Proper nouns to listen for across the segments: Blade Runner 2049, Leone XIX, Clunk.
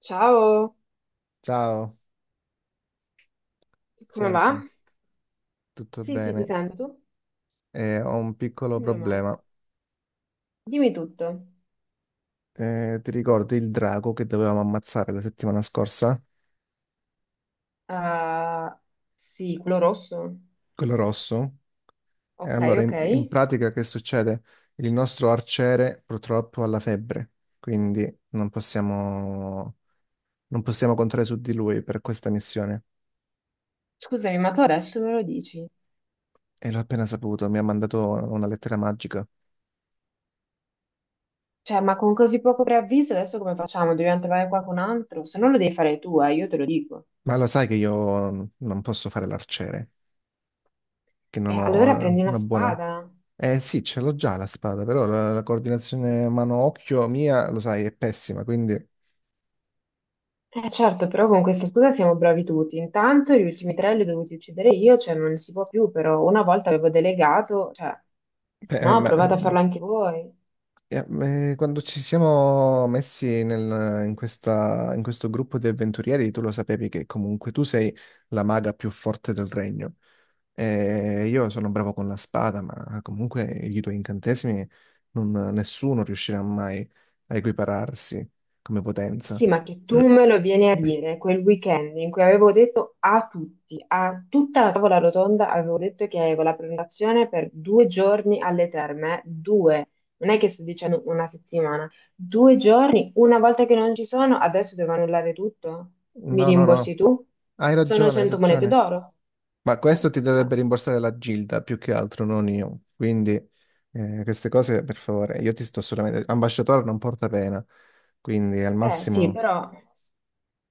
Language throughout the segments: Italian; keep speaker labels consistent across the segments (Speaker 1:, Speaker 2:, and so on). Speaker 1: Ciao,
Speaker 2: Ciao,
Speaker 1: come va?
Speaker 2: senti, tutto
Speaker 1: Sì, sì, ti
Speaker 2: bene?
Speaker 1: sento tu?
Speaker 2: Ho un piccolo
Speaker 1: Meno male.
Speaker 2: problema.
Speaker 1: Dimmi tutto.
Speaker 2: Ti ricordi il drago che dovevamo ammazzare la settimana scorsa?
Speaker 1: Ah, sì, quello rosso.
Speaker 2: Quello rosso? E
Speaker 1: Ok,
Speaker 2: allora,
Speaker 1: ok.
Speaker 2: in pratica, che succede? Il nostro arciere purtroppo ha la febbre, quindi non possiamo contare su di lui per questa missione.
Speaker 1: Scusami, ma tu adesso me lo dici?
Speaker 2: E l'ho appena saputo, mi ha mandato una lettera magica.
Speaker 1: Cioè, ma con così poco preavviso adesso come facciamo? Dobbiamo trovare qualcun altro? Se non lo devi fare tu, io te lo dico.
Speaker 2: Ma lo sai che io non posso fare l'arciere, che
Speaker 1: E
Speaker 2: non
Speaker 1: allora
Speaker 2: ho
Speaker 1: prendi una
Speaker 2: una buona...
Speaker 1: spada.
Speaker 2: Eh sì, ce l'ho già la spada, però la coordinazione mano-occhio mia, lo sai, è pessima, quindi
Speaker 1: Eh certo, però con questa scusa siamo bravi tutti. Intanto gli ultimi tre li ho dovuti uccidere io, cioè non si può più, però una volta avevo delegato, cioè.
Speaker 2: eh,
Speaker 1: No,
Speaker 2: ma,
Speaker 1: provate a farlo anche voi.
Speaker 2: eh, quando ci siamo messi in questo gruppo di avventurieri, tu lo sapevi che comunque tu sei la maga più forte del regno. Io sono bravo con la spada, ma comunque i tuoi incantesimi nessuno riuscirà mai a equipararsi come potenza.
Speaker 1: Sì, ma che tu me lo vieni a dire quel weekend in cui avevo detto a tutti, a tutta la tavola rotonda, avevo detto che avevo la prenotazione per due giorni alle terme, due, non è che sto dicendo una settimana, due giorni, una volta che non ci sono, adesso devo annullare tutto? Mi
Speaker 2: No, no,
Speaker 1: rimborsi
Speaker 2: no,
Speaker 1: tu?
Speaker 2: hai
Speaker 1: Sono
Speaker 2: ragione, hai
Speaker 1: 100 monete
Speaker 2: ragione.
Speaker 1: d'oro.
Speaker 2: Ma questo ti
Speaker 1: Eh
Speaker 2: dovrebbe rimborsare la Gilda più che altro, non io. Quindi queste cose, per favore, io ti sto solamente... Ambasciatore non porta pena, quindi al
Speaker 1: eh sì,
Speaker 2: massimo...
Speaker 1: però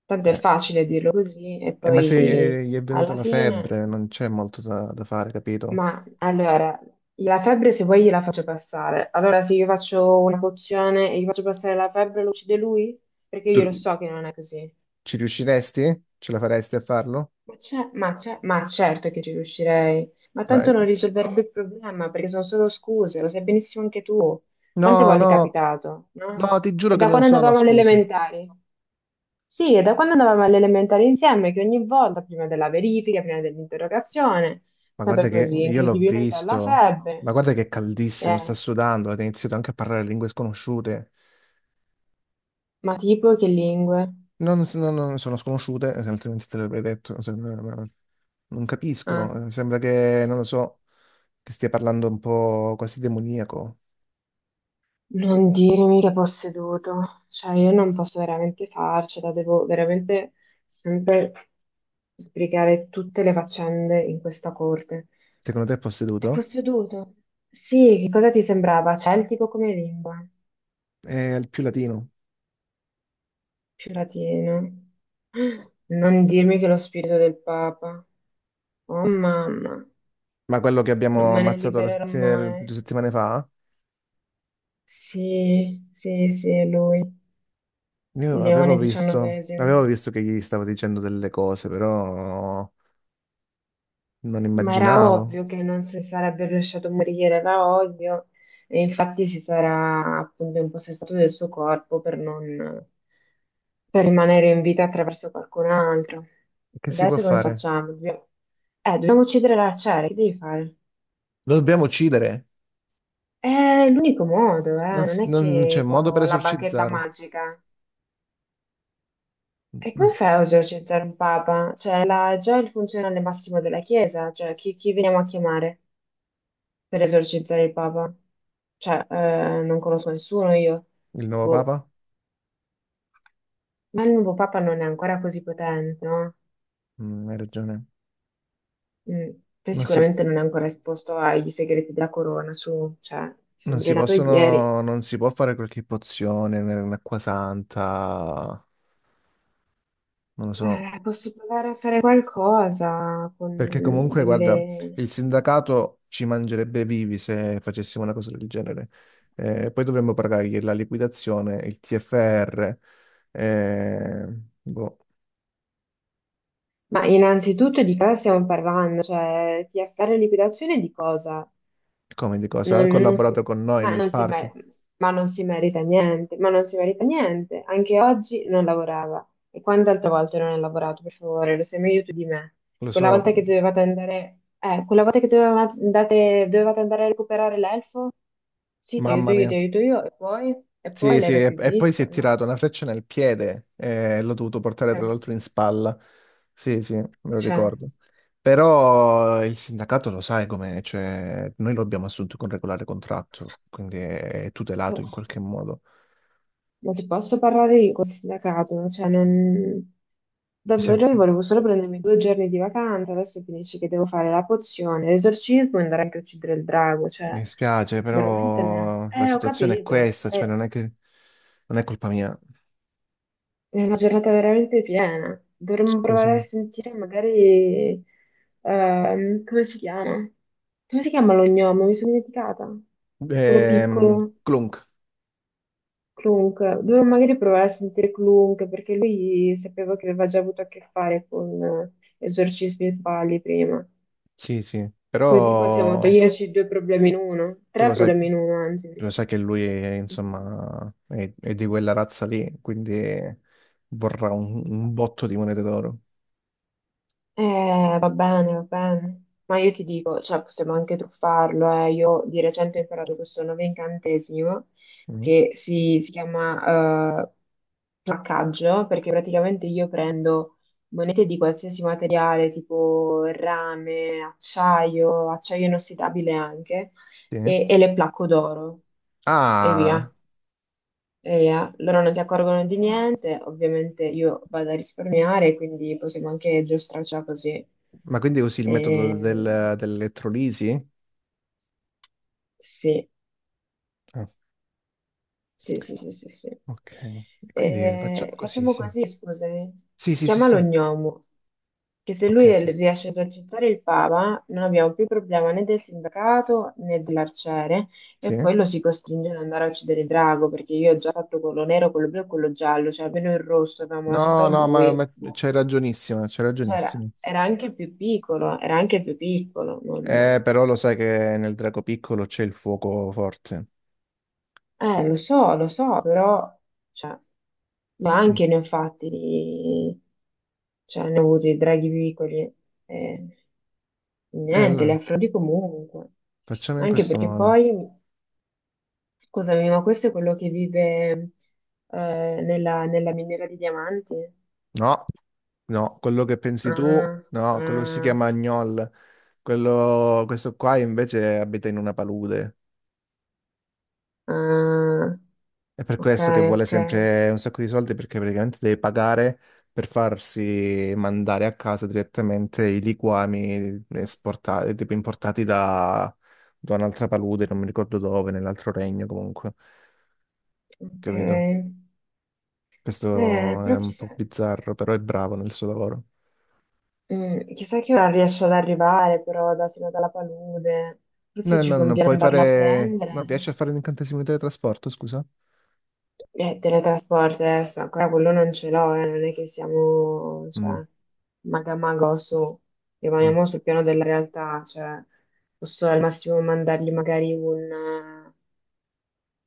Speaker 1: tanto è
Speaker 2: eh,
Speaker 1: facile dirlo così e
Speaker 2: ma
Speaker 1: poi
Speaker 2: se gli è venuta
Speaker 1: alla
Speaker 2: la
Speaker 1: fine.
Speaker 2: febbre, non c'è molto da, da fare, capito?
Speaker 1: Ma allora, la febbre se vuoi gliela faccio passare. Allora, se io faccio una pozione e gli faccio passare la febbre, lo uccide lui? Perché
Speaker 2: Tu
Speaker 1: io lo so che non è così.
Speaker 2: ci riusciresti? Ce la faresti a farlo?
Speaker 1: Ma certo che ci riuscirei, ma
Speaker 2: Ma...
Speaker 1: tanto non risolverebbe il problema perché sono solo scuse, lo sai benissimo anche tu. Quante
Speaker 2: No,
Speaker 1: volte è
Speaker 2: no,
Speaker 1: capitato, no?
Speaker 2: no, ti giuro
Speaker 1: E
Speaker 2: che
Speaker 1: da
Speaker 2: non
Speaker 1: quando
Speaker 2: sono
Speaker 1: andavamo alle
Speaker 2: scuse.
Speaker 1: elementari? Sì, e da quando andavamo alle elementari insieme, che ogni volta, prima della verifica, prima dell'interrogazione,
Speaker 2: Ma guarda
Speaker 1: sempre
Speaker 2: che
Speaker 1: così,
Speaker 2: io l'ho
Speaker 1: incredibilmente alla
Speaker 2: visto. Ma
Speaker 1: febbre.
Speaker 2: guarda che è caldissimo, sta
Speaker 1: Eh,
Speaker 2: sudando, ha iniziato anche a parlare lingue sconosciute.
Speaker 1: ma tipo che lingue?
Speaker 2: Non, s- non- non sono sconosciute, altrimenti te l'avrei detto. Non
Speaker 1: Ah.
Speaker 2: capisco, sembra che, non lo so, che stia parlando un po' quasi demoniaco.
Speaker 1: Non dirmi che posseduto, cioè io non posso veramente farcela, devo veramente sempre sbrigare tutte le faccende in questa corte.
Speaker 2: Secondo te è
Speaker 1: È
Speaker 2: posseduto?
Speaker 1: posseduto. Sì, che cosa ti sembrava? Celtico come lingua,
Speaker 2: È il più latino.
Speaker 1: più latino. Non dirmi che è lo spirito del Papa. Oh mamma,
Speaker 2: Ma quello che
Speaker 1: non
Speaker 2: abbiamo
Speaker 1: me ne
Speaker 2: ammazzato
Speaker 1: libererò mai.
Speaker 2: due settimane fa,
Speaker 1: Sì, sì, sì, è lui, Leone XIX.
Speaker 2: avevo visto che gli stavo dicendo delle cose, però non
Speaker 1: Ma era
Speaker 2: immaginavo.
Speaker 1: ovvio che non si sarebbe lasciato morire da odio e infatti si sarà appunto impossessato del suo corpo per non per rimanere in vita attraverso qualcun altro.
Speaker 2: Che si può
Speaker 1: Adesso come
Speaker 2: fare?
Speaker 1: facciamo? Dobbiamo- dobbiamo uccidere la Cera, che devi fare?
Speaker 2: Lo dobbiamo uccidere.
Speaker 1: È l'unico modo, non è
Speaker 2: Non c'è
Speaker 1: che
Speaker 2: modo
Speaker 1: qua
Speaker 2: per
Speaker 1: ho la bacchetta
Speaker 2: esorcizzarlo.
Speaker 1: magica. E
Speaker 2: Non
Speaker 1: come
Speaker 2: s-
Speaker 1: fai a esorcizzare un papa? Cioè, la- già il funzionario massimo della Chiesa, cioè chi veniamo a chiamare per esorcizzare il Papa? Cioè, non conosco nessuno io.
Speaker 2: Il nuovo
Speaker 1: Boh,
Speaker 2: papa?
Speaker 1: ma il nuovo Papa non è ancora così potente, no?
Speaker 2: Mm, hai ragione.
Speaker 1: Mm, poi
Speaker 2: Non si,
Speaker 1: sicuramente non è ancora esposto ai segreti della corona, su, cioè, sembri nato ieri.
Speaker 2: non si può fare qualche pozione un'acqua santa, non lo so.
Speaker 1: Posso provare a fare qualcosa con
Speaker 2: Perché comunque, guarda,
Speaker 1: delle.
Speaker 2: il sindacato ci mangerebbe vivi se facessimo una cosa del genere. Poi dovremmo pagargli la liquidazione, il TFR, eh, boh,
Speaker 1: Ma innanzitutto di cosa stiamo parlando? Cioè, TFR liquidazione di cosa?
Speaker 2: come di cosa.
Speaker 1: Non,
Speaker 2: Ha
Speaker 1: non- non si,
Speaker 2: collaborato con noi
Speaker 1: ma,
Speaker 2: nel
Speaker 1: non si
Speaker 2: party,
Speaker 1: mer- ma non si merita niente, ma non si merita niente. Anche oggi non lavorava. E quante altre volte non ha lavorato, per favore, lo sai meglio tu di me.
Speaker 2: lo
Speaker 1: Quella
Speaker 2: so,
Speaker 1: volta che dovevate andare, quella volta che dovevate, andate- dovevate andare a recuperare l'elfo? Sì,
Speaker 2: mamma
Speaker 1: ti
Speaker 2: mia.
Speaker 1: aiuto io, e poi
Speaker 2: Sì,
Speaker 1: lei
Speaker 2: sì,
Speaker 1: mi ha più
Speaker 2: e poi si
Speaker 1: visto?
Speaker 2: è
Speaker 1: No.
Speaker 2: tirato una freccia nel piede e l'ho dovuto portare tra
Speaker 1: Eh,
Speaker 2: l'altro in spalla. Sì, sì, me lo
Speaker 1: cioè,
Speaker 2: ricordo. Però il sindacato lo sai com'è, cioè noi lo abbiamo assunto con regolare contratto, quindi è tutelato in
Speaker 1: oh,
Speaker 2: qualche modo.
Speaker 1: ma ci posso parlare io col sindacato? Cioè, non.
Speaker 2: Mi, sem-
Speaker 1: Davvero, io volevo solo prendermi due giorni di vacanza, adesso finisce che devo fare la pozione, l'esorcismo e andare anche a uccidere il drago, cioè,
Speaker 2: mi spiace,
Speaker 1: veramente non.
Speaker 2: però la
Speaker 1: Ho
Speaker 2: situazione è
Speaker 1: capito,
Speaker 2: questa, cioè
Speaker 1: è
Speaker 2: non è che... non è colpa mia,
Speaker 1: è una giornata veramente piena. Dovremmo provare a
Speaker 2: scusami.
Speaker 1: sentire magari, come si chiama? Come si chiama lo gnomo? Mi sono dimenticata. Quello piccolo.
Speaker 2: Clunk,
Speaker 1: Clunk, dovevo magari provare a sentire Clunk perché lui sapevo che aveva già avuto a che fare con esorcismi e falli prima.
Speaker 2: sì, sì,
Speaker 1: Così possiamo
Speaker 2: però
Speaker 1: toglierci due problemi in uno,
Speaker 2: tu
Speaker 1: tre
Speaker 2: lo sai.
Speaker 1: problemi in uno, anzi.
Speaker 2: Lo
Speaker 1: Perché-
Speaker 2: sai che lui, è, insomma, è di quella razza lì, quindi vorrà un botto di monete d'oro.
Speaker 1: Va bene, va bene. Ma io ti dico, cioè, possiamo anche truffarlo. Eh. Io di recente ho imparato questo nuovo incantesimo
Speaker 2: Mm.
Speaker 1: che si chiama placcaggio, perché praticamente io prendo monete di qualsiasi materiale, tipo rame, acciaio, acciaio inossidabile anche,
Speaker 2: Sì.
Speaker 1: e le placco d'oro e via.
Speaker 2: Ah,
Speaker 1: E loro non si accorgono di niente, ovviamente io vado a risparmiare, quindi possiamo anche giostrarcela così.
Speaker 2: ma quindi usi il metodo
Speaker 1: Eh,
Speaker 2: dell'elettrolisi?
Speaker 1: sì,
Speaker 2: Ah,
Speaker 1: sì, sì, sì, sì, sì.
Speaker 2: ok. E quindi facciamo così,
Speaker 1: Facciamo
Speaker 2: sì.
Speaker 1: così, scusami.
Speaker 2: Sì, sì, sì,
Speaker 1: Chiamalo
Speaker 2: sì.
Speaker 1: Gnomo, che se
Speaker 2: Ok,
Speaker 1: lui
Speaker 2: ok.
Speaker 1: riesce a esercitare il Papa, non abbiamo più problema né del sindacato né dell'arciere,
Speaker 2: Sì?
Speaker 1: e poi lo si costringe ad andare a uccidere il drago, perché io ho già fatto quello nero, quello blu e quello giallo, cioè almeno il rosso che avevamo lasciato
Speaker 2: No,
Speaker 1: a
Speaker 2: no,
Speaker 1: lui.
Speaker 2: ma
Speaker 1: Boh.
Speaker 2: c'hai ragionissimo, c'hai
Speaker 1: Cioè, era,
Speaker 2: ragionissimo.
Speaker 1: era anche più piccolo, era anche più piccolo. Non-
Speaker 2: Però lo sai che nel drago piccolo c'è il fuoco forte.
Speaker 1: Lo so, però, cioè, ma
Speaker 2: Mm.
Speaker 1: anche ne ho fatti di. Cioè, ne ho avuti i draghi piccoli. eh, niente, li
Speaker 2: Allora,
Speaker 1: affronti comunque.
Speaker 2: facciamo in
Speaker 1: Anche
Speaker 2: questo
Speaker 1: perché
Speaker 2: modo.
Speaker 1: poi, scusami, ma questo è quello che vive nella, miniera di diamanti?
Speaker 2: No. No, quello che pensi tu,
Speaker 1: Ah,
Speaker 2: no, quello si
Speaker 1: ah,
Speaker 2: chiama Agnol. Quello, questo qua invece abita in una palude.
Speaker 1: ah,
Speaker 2: È per
Speaker 1: ok,
Speaker 2: questo che vuole
Speaker 1: ok,
Speaker 2: sempre un sacco di soldi perché praticamente deve pagare per farsi mandare a casa direttamente i liquami esportati, tipo importati da, da un'altra palude, non mi ricordo dove, nell'altro regno comunque.
Speaker 1: ok.
Speaker 2: Capito? Questo è
Speaker 1: Però
Speaker 2: un
Speaker 1: chissà,
Speaker 2: po' bizzarro, però è bravo nel suo lavoro.
Speaker 1: chissà che ora riesce ad arrivare, però da fino dalla palude. Forse
Speaker 2: No,
Speaker 1: ci
Speaker 2: no, non
Speaker 1: conviene
Speaker 2: puoi
Speaker 1: andarlo a
Speaker 2: fare... Non
Speaker 1: prendere.
Speaker 2: riesci a fare l'incantesimo di teletrasporto, scusa?
Speaker 1: Teletrasporto adesso, ancora quello non ce l'ho, non è che siamo,
Speaker 2: Mm,
Speaker 1: cioè, maga mago su,
Speaker 2: mm.
Speaker 1: rimaniamo sul piano della realtà, cioè, posso al massimo mandargli magari un, eh,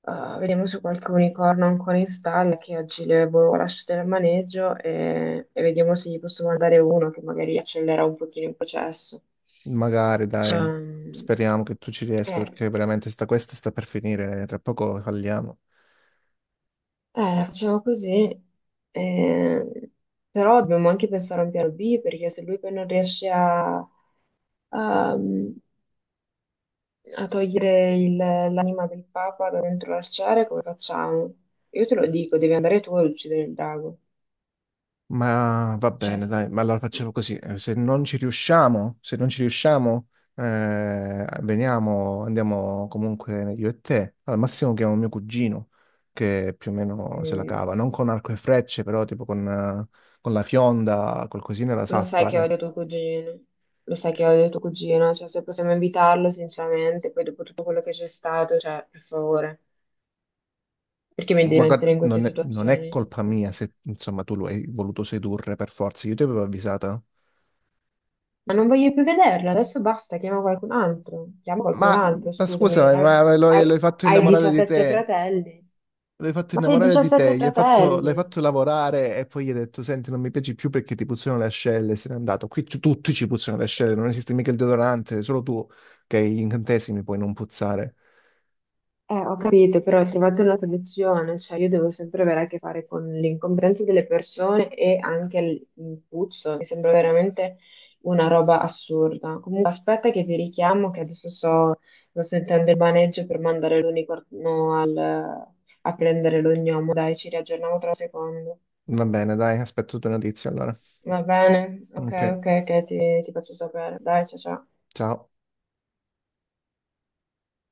Speaker 1: eh, vediamo se qualche unicorno ancora in stalla, che oggi le avevo lasciate al maneggio, e vediamo se gli posso mandare uno che magari accelera un pochino il processo.
Speaker 2: Magari, dai,
Speaker 1: Ehm,
Speaker 2: speriamo che tu ci riesca
Speaker 1: Eh,
Speaker 2: perché veramente sta, questa sta per finire, tra poco falliamo.
Speaker 1: facciamo così. Eh, però dobbiamo anche pensare a un piano B perché se lui poi non riesce a, a- a togliere il- l'anima del Papa da dentro l'arciere, come facciamo? Io te lo dico, devi andare tu ad uccidere il drago.
Speaker 2: Ma va
Speaker 1: Cioè,
Speaker 2: bene, dai, ma allora facciamo così, se non ci riusciamo, andiamo comunque io e te, al massimo chiamo mio cugino, che più o meno se la cava,
Speaker 1: mm,
Speaker 2: non con arco e frecce, però tipo con la fionda, qualcosina la
Speaker 1: lo
Speaker 2: sa
Speaker 1: sai che
Speaker 2: fare.
Speaker 1: odio tuo cugino, lo sai che odio tuo cugino, cioè se possiamo invitarlo sinceramente, poi dopo tutto quello che c'è stato, cioè, per favore. Perché mi devi
Speaker 2: Ma guarda,
Speaker 1: mettere in queste
Speaker 2: non è
Speaker 1: situazioni?
Speaker 2: colpa mia se insomma tu lo hai voluto sedurre per forza, io ti avevo avvisato.
Speaker 1: Ma non voglio più vederla, adesso basta, chiama qualcun altro. Chiama qualcun
Speaker 2: Ma,
Speaker 1: altro,
Speaker 2: ma
Speaker 1: scusami.
Speaker 2: scusa, ma lo,
Speaker 1: Hai,
Speaker 2: hai fatto
Speaker 1: hai
Speaker 2: innamorare di
Speaker 1: 17
Speaker 2: te,
Speaker 1: fratelli.
Speaker 2: lo hai fatto
Speaker 1: Ma sei
Speaker 2: innamorare di
Speaker 1: 17
Speaker 2: te, gli hai fatto, l'hai fatto
Speaker 1: fratelli.
Speaker 2: lavorare e poi gli hai detto, senti, non mi piaci più perché ti puzzano le ascelle, se n'è andato. Qui tutti ci puzzano le ascelle, non esiste mica il deodorante, solo tu che hai gli incantesimi puoi non puzzare.
Speaker 1: Ho capito, però trovate una soluzione, cioè io devo sempre avere a che fare con l'incomprensione delle persone e anche il puzzo, mi sembra veramente una roba assurda. Comunque aspetta che ti richiamo, che adesso sto sentendo il maneggio per mandare l'unicorno al- a prendere l'ognomo, dai, ci riaggiorniamo tra un secondo.
Speaker 2: Va bene, dai, aspetto tue notizie allora.
Speaker 1: Va bene? Ok,
Speaker 2: Ok,
Speaker 1: ok, ok, ti faccio sapere. Dai, ciao ciao.
Speaker 2: ciao.